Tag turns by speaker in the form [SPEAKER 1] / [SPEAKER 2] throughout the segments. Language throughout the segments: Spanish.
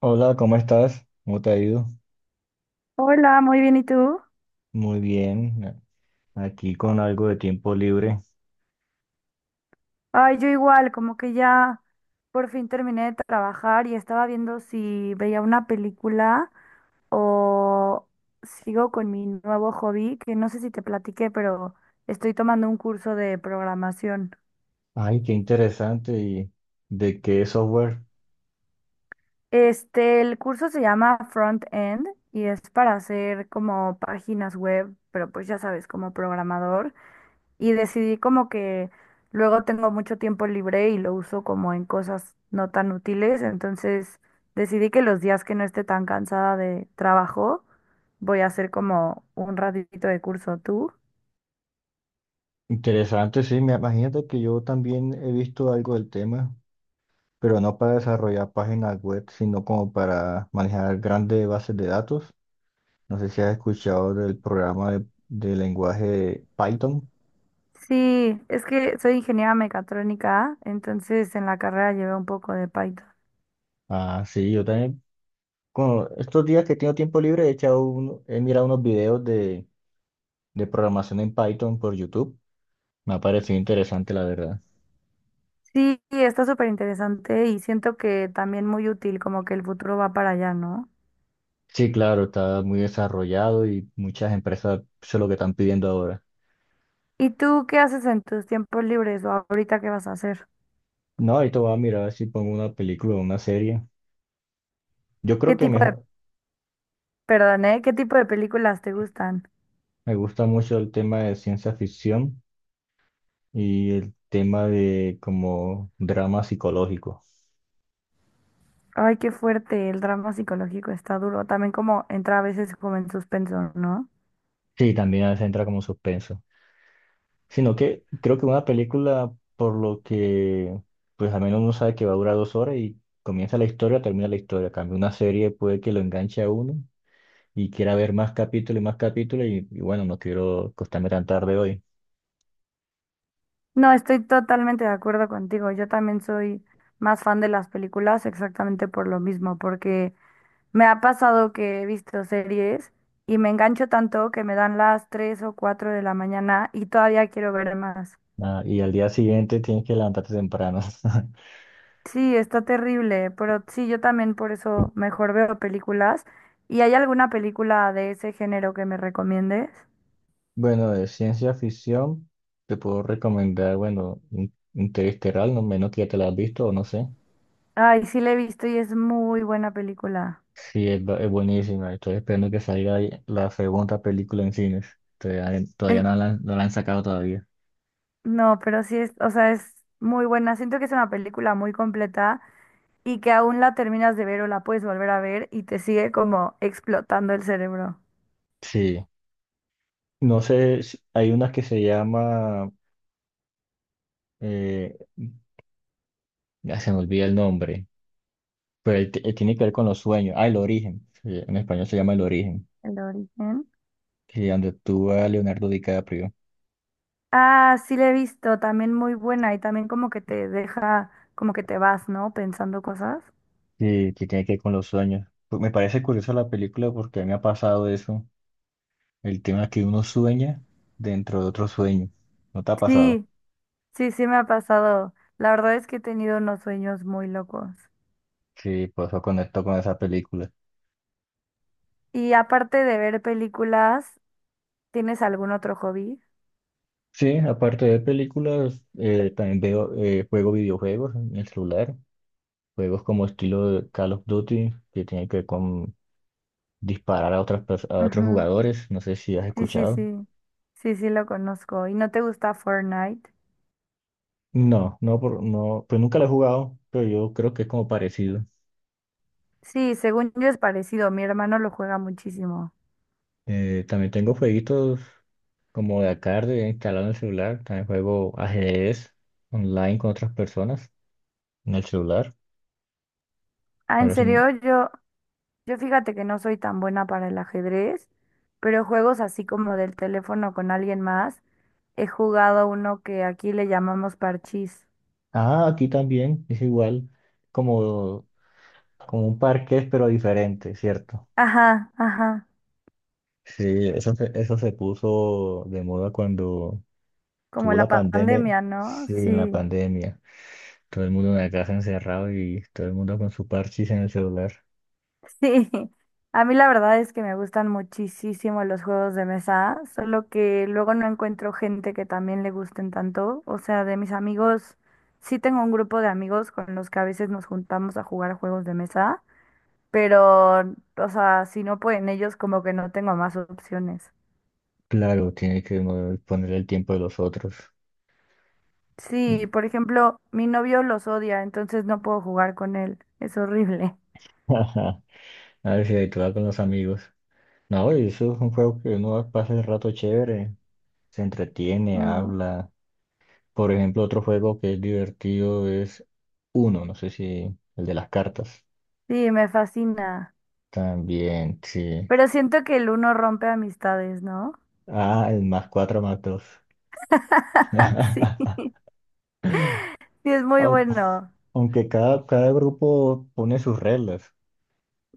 [SPEAKER 1] Hola, ¿cómo estás? ¿Cómo te ha ido?
[SPEAKER 2] Hola, muy bien, ¿y tú?
[SPEAKER 1] Muy bien, aquí con algo de tiempo libre.
[SPEAKER 2] Ay, yo igual, como que ya por fin terminé de trabajar y estaba viendo si veía una película o sigo con mi nuevo hobby, que no sé si te platiqué, pero estoy tomando un curso de programación.
[SPEAKER 1] Ay, qué interesante. ¿Y de qué software?
[SPEAKER 2] El curso se llama Front End y es para hacer como páginas web, pero pues ya sabes, como programador. Y decidí como que luego tengo mucho tiempo libre y lo uso como en cosas no tan útiles. Entonces decidí que los días que no esté tan cansada de trabajo, voy a hacer como un ratito de curso. ¿Tú?
[SPEAKER 1] Interesante, sí. Me imagínate que yo también he visto algo del tema, pero no para desarrollar páginas web, sino como para manejar grandes bases de datos. No sé si has escuchado del programa de lenguaje Python.
[SPEAKER 2] Sí, es que soy ingeniera mecatrónica, entonces en la carrera llevé un poco de Python.
[SPEAKER 1] Ah, sí, yo también. Con estos días que tengo tiempo libre, he mirado unos videos de programación en Python por YouTube. Me ha parecido interesante, la verdad.
[SPEAKER 2] Sí, está súper interesante y siento que también muy útil, como que el futuro va para allá, ¿no?
[SPEAKER 1] Sí, claro, está muy desarrollado y muchas empresas eso es lo que están pidiendo ahora.
[SPEAKER 2] ¿Y tú qué haces en tus tiempos libres o ahorita qué vas a hacer?
[SPEAKER 1] No, ahorita voy a mirar si pongo una película o una serie. Yo creo
[SPEAKER 2] ¿Qué
[SPEAKER 1] que
[SPEAKER 2] tipo de
[SPEAKER 1] mejor,
[SPEAKER 2] Perdón, ¿Qué tipo de películas te gustan?
[SPEAKER 1] me gusta mucho el tema de ciencia ficción y el tema de como drama psicológico.
[SPEAKER 2] Ay, qué fuerte, el drama psicológico está duro. También como entra a veces como en suspenso, ¿no?
[SPEAKER 1] Sí, también a veces entra como suspenso. Sino que creo que una película, por lo que, pues al menos uno sabe que va a durar dos horas y comienza la historia, termina la historia. Cambio una serie puede que lo enganche a uno y quiera ver más capítulos y más capítulos y bueno, no quiero acostarme tan tarde hoy.
[SPEAKER 2] No, estoy totalmente de acuerdo contigo. Yo también soy más fan de las películas exactamente por lo mismo, porque me ha pasado que he visto series y me engancho tanto que me dan las 3 o 4 de la mañana y todavía quiero ver más.
[SPEAKER 1] Ah, y al día siguiente tienes que levantarte temprano.
[SPEAKER 2] Sí, está terrible, pero sí, yo también por eso mejor veo películas. ¿Y hay alguna película de ese género que me recomiendes?
[SPEAKER 1] Bueno, de ciencia ficción te puedo recomendar, bueno, Interestelar, no menos que ya te la has visto o no sé.
[SPEAKER 2] Ay, sí la he visto y es muy buena película.
[SPEAKER 1] Sí, es, es buenísima. Estoy esperando que salga ahí la segunda película en cines. Todavía
[SPEAKER 2] En-
[SPEAKER 1] no la, no la han sacado todavía.
[SPEAKER 2] No, pero sí es, o sea, es muy buena. Siento que es una película muy completa y que aún la terminas de ver o la puedes volver a ver y te sigue como explotando el cerebro.
[SPEAKER 1] Sí. No sé, hay una que se llama, eh, ya se me olvida el nombre. Pero ahí tiene que ver con los sueños. Ah, el origen. Sí, en español se llama El origen.
[SPEAKER 2] El origen.
[SPEAKER 1] Que donde actúa Leonardo DiCaprio.
[SPEAKER 2] Ah, sí la he visto, también muy buena y también como que te deja, como que te vas, ¿no? Pensando cosas.
[SPEAKER 1] Sí, que tiene que ver con los sueños. Pues me parece curiosa la película porque a mí me ha pasado eso. El tema que uno sueña dentro de otro sueño. ¿No te ha pasado?
[SPEAKER 2] Sí. Sí, sí me ha pasado. La verdad es que he tenido unos sueños muy locos.
[SPEAKER 1] Sí, por eso conecto con esa película.
[SPEAKER 2] Y aparte de ver películas, ¿tienes algún otro hobby?
[SPEAKER 1] Sí, aparte de películas, también veo, juego videojuegos en el celular. Juegos como estilo de Call of Duty, que tiene que ver con disparar a otras, a otros
[SPEAKER 2] Ujú.
[SPEAKER 1] jugadores. No sé si has
[SPEAKER 2] Sí, sí,
[SPEAKER 1] escuchado.
[SPEAKER 2] sí. Sí, sí lo conozco. ¿Y no te gusta Fortnite?
[SPEAKER 1] No, no, por, no, pues nunca lo he jugado, pero yo creo que es como parecido.
[SPEAKER 2] Sí, según yo es parecido. Mi hermano lo juega muchísimo.
[SPEAKER 1] También tengo jueguitos como de arcade instalado en el celular. También juego ajedrez online con otras personas en el celular.
[SPEAKER 2] Ah, en
[SPEAKER 1] Parece un-
[SPEAKER 2] serio, yo fíjate que no soy tan buena para el ajedrez, pero juegos así como del teléfono con alguien más, he jugado uno que aquí le llamamos parchís.
[SPEAKER 1] Ah, aquí también es igual, como, como un parqués, pero diferente, ¿cierto?
[SPEAKER 2] Ajá, ajá.
[SPEAKER 1] Sí, eso se puso de moda cuando
[SPEAKER 2] Como
[SPEAKER 1] tuvo
[SPEAKER 2] la
[SPEAKER 1] la pandemia.
[SPEAKER 2] pandemia, ¿no?
[SPEAKER 1] Sí, en la
[SPEAKER 2] Sí,
[SPEAKER 1] pandemia. Todo el mundo en la casa encerrado y todo el mundo con su parchís en el celular.
[SPEAKER 2] sí. A mí la verdad es que me gustan muchísimo los juegos de mesa, solo que luego no encuentro gente que también le gusten tanto. O sea, de mis amigos, sí tengo un grupo de amigos con los que a veces nos juntamos a jugar juegos de mesa, pero, o sea, si no pueden ellos, como que no tengo más opciones.
[SPEAKER 1] Claro, tiene que poner el tiempo de los otros.
[SPEAKER 2] Sí, por ejemplo, mi novio los odia, entonces no puedo jugar con él. Es horrible.
[SPEAKER 1] Ajá, a ver si ahí te va con los amigos. No, y eso es un juego que uno pasa el rato chévere, se entretiene,
[SPEAKER 2] Mm,
[SPEAKER 1] habla. Por ejemplo, otro juego que es divertido es Uno, no sé si el de las cartas.
[SPEAKER 2] sí, me fascina.
[SPEAKER 1] También, sí.
[SPEAKER 2] Pero siento que el uno rompe amistades, ¿no?
[SPEAKER 1] Ah, el más cuatro más dos.
[SPEAKER 2] Sí, sí, es muy
[SPEAKER 1] Aun-
[SPEAKER 2] bueno.
[SPEAKER 1] Aunque cada grupo pone sus reglas.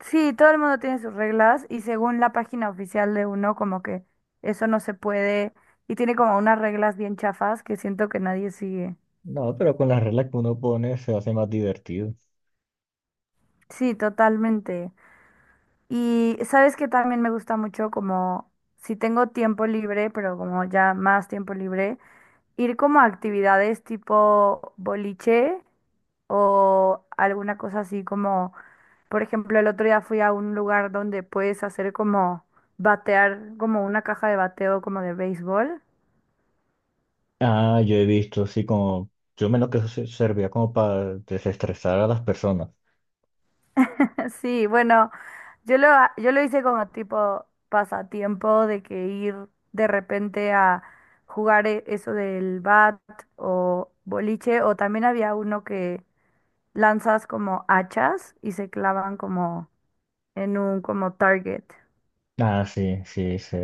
[SPEAKER 2] Sí, todo el mundo tiene sus reglas y según la página oficial de uno, como que eso no se puede y tiene como unas reglas bien chafas que siento que nadie sigue.
[SPEAKER 1] No, pero con las reglas que uno pone se hace más divertido.
[SPEAKER 2] Sí, totalmente. Y sabes que también me gusta mucho como si tengo tiempo libre, pero como ya más tiempo libre, ir como a actividades tipo boliche o alguna cosa así como Por ejemplo, el otro día fui a un lugar donde puedes hacer como batear, como una caja de bateo como de béisbol.
[SPEAKER 1] Ah, yo he visto, sí, como, yo menos lo que servía como para desestresar a las personas.
[SPEAKER 2] Sí, bueno, yo lo hice como tipo pasatiempo de que ir de repente a jugar eso del bat o boliche, o también había uno que lanzas como hachas y se clavan como en un como target.
[SPEAKER 1] Ah, sí, sí, sí.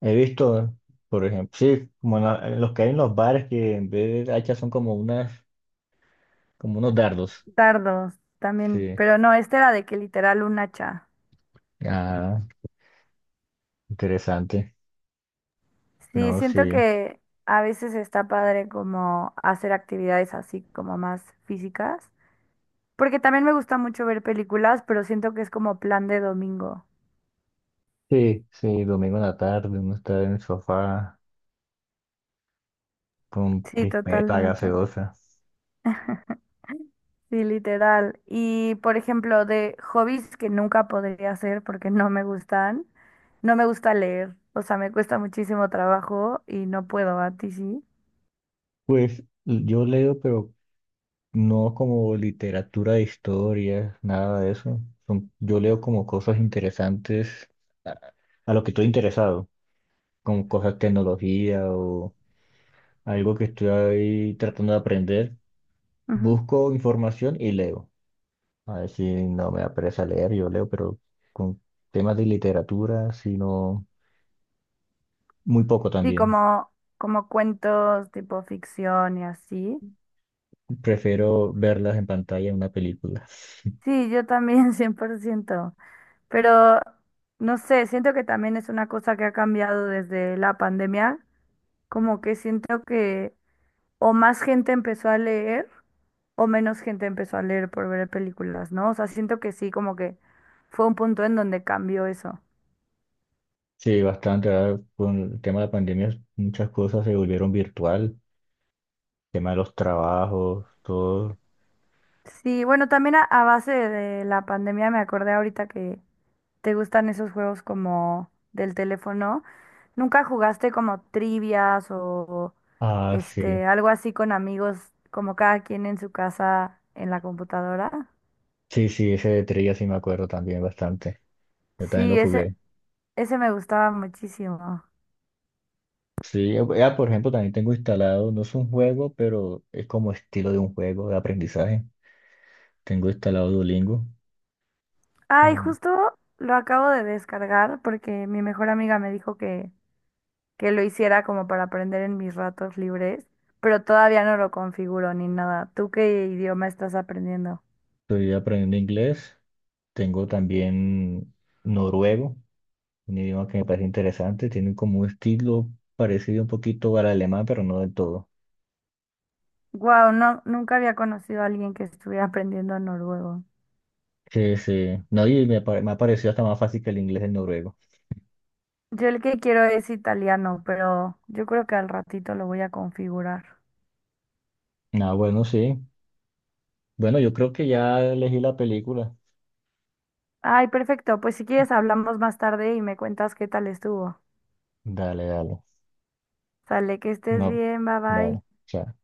[SPEAKER 1] He visto, por ejemplo, sí, como en en los que hay en los bares que en vez de hachas son como unas, como unos dardos.
[SPEAKER 2] Dardos también,
[SPEAKER 1] Sí.
[SPEAKER 2] pero no, este era de que literal un hacha.
[SPEAKER 1] Ah, interesante.
[SPEAKER 2] Sí,
[SPEAKER 1] No,
[SPEAKER 2] siento
[SPEAKER 1] sí.
[SPEAKER 2] que a veces está padre como hacer actividades así como más físicas, porque también me gusta mucho ver películas, pero siento que es como plan de domingo.
[SPEAKER 1] Sí, sí, domingo en la tarde, uno está en el sofá con
[SPEAKER 2] Sí,
[SPEAKER 1] crispeta,
[SPEAKER 2] totalmente.
[SPEAKER 1] gaseosa.
[SPEAKER 2] Sí, literal. Y por ejemplo, de hobbies que nunca podría hacer porque no me gustan, no me gusta leer, o sea, me cuesta muchísimo trabajo y no puedo, a ti sí.
[SPEAKER 1] Yo leo, pero no como literatura de historia, nada de eso. Yo leo como cosas interesantes a, a lo que estoy interesado, como cosas de tecnología o algo que estoy ahí tratando de aprender.
[SPEAKER 2] Ujú.
[SPEAKER 1] Busco información y leo. A ver si no me da pereza leer, yo leo, pero con temas de literatura, sino muy poco
[SPEAKER 2] Sí,
[SPEAKER 1] también.
[SPEAKER 2] como, como cuentos tipo ficción y así.
[SPEAKER 1] Prefiero verlas en pantalla en una película.
[SPEAKER 2] Sí, yo también, 100%. Pero no sé, siento que también es una cosa que ha cambiado desde la pandemia. Como que siento que o más gente empezó a leer o menos gente empezó a leer por ver películas, ¿no? O sea, siento que sí, como que fue un punto en donde cambió eso.
[SPEAKER 1] Sí, bastante. Ahora con el tema de la pandemia, muchas cosas se volvieron virtual tema de los trabajos, todo.
[SPEAKER 2] Sí, bueno, también a base de la pandemia me acordé ahorita que ¿Te gustan esos juegos como del teléfono? ¿Nunca jugaste como trivias o
[SPEAKER 1] Ah, sí.
[SPEAKER 2] algo así con amigos, como cada quien en su casa en la computadora?
[SPEAKER 1] Sí, sí, ese de trilla sí me acuerdo también bastante. Yo también lo
[SPEAKER 2] Sí,
[SPEAKER 1] jugué.
[SPEAKER 2] ese me gustaba muchísimo.
[SPEAKER 1] Sí, por ejemplo, también tengo instalado, no es un juego, pero es como estilo de un juego de aprendizaje. Tengo instalado Duolingo.
[SPEAKER 2] Ay,
[SPEAKER 1] Ay,
[SPEAKER 2] justo lo acabo de descargar porque mi mejor amiga me dijo que lo hiciera como para aprender en mis ratos libres, pero todavía no lo configuro ni nada. ¿Tú qué idioma estás aprendiendo?
[SPEAKER 1] estoy aprendiendo inglés. Tengo también noruego, un idioma que me parece interesante. Tiene como un estilo parecido un poquito al alemán, pero no del todo.
[SPEAKER 2] Wow, no, nunca había conocido a alguien que estuviera aprendiendo noruego.
[SPEAKER 1] Sí, sí. No, y me, me ha parecido hasta más fácil que el inglés el noruego.
[SPEAKER 2] Yo el que quiero es italiano, pero yo creo que al ratito lo voy a configurar.
[SPEAKER 1] Ah, bueno, sí. Bueno, yo creo que ya elegí la película.
[SPEAKER 2] Ay, perfecto. Pues si quieres hablamos más tarde y me cuentas qué tal estuvo.
[SPEAKER 1] Dale, dale.
[SPEAKER 2] Sale, que estés
[SPEAKER 1] No,
[SPEAKER 2] bien, bye bye.
[SPEAKER 1] dale. Chao.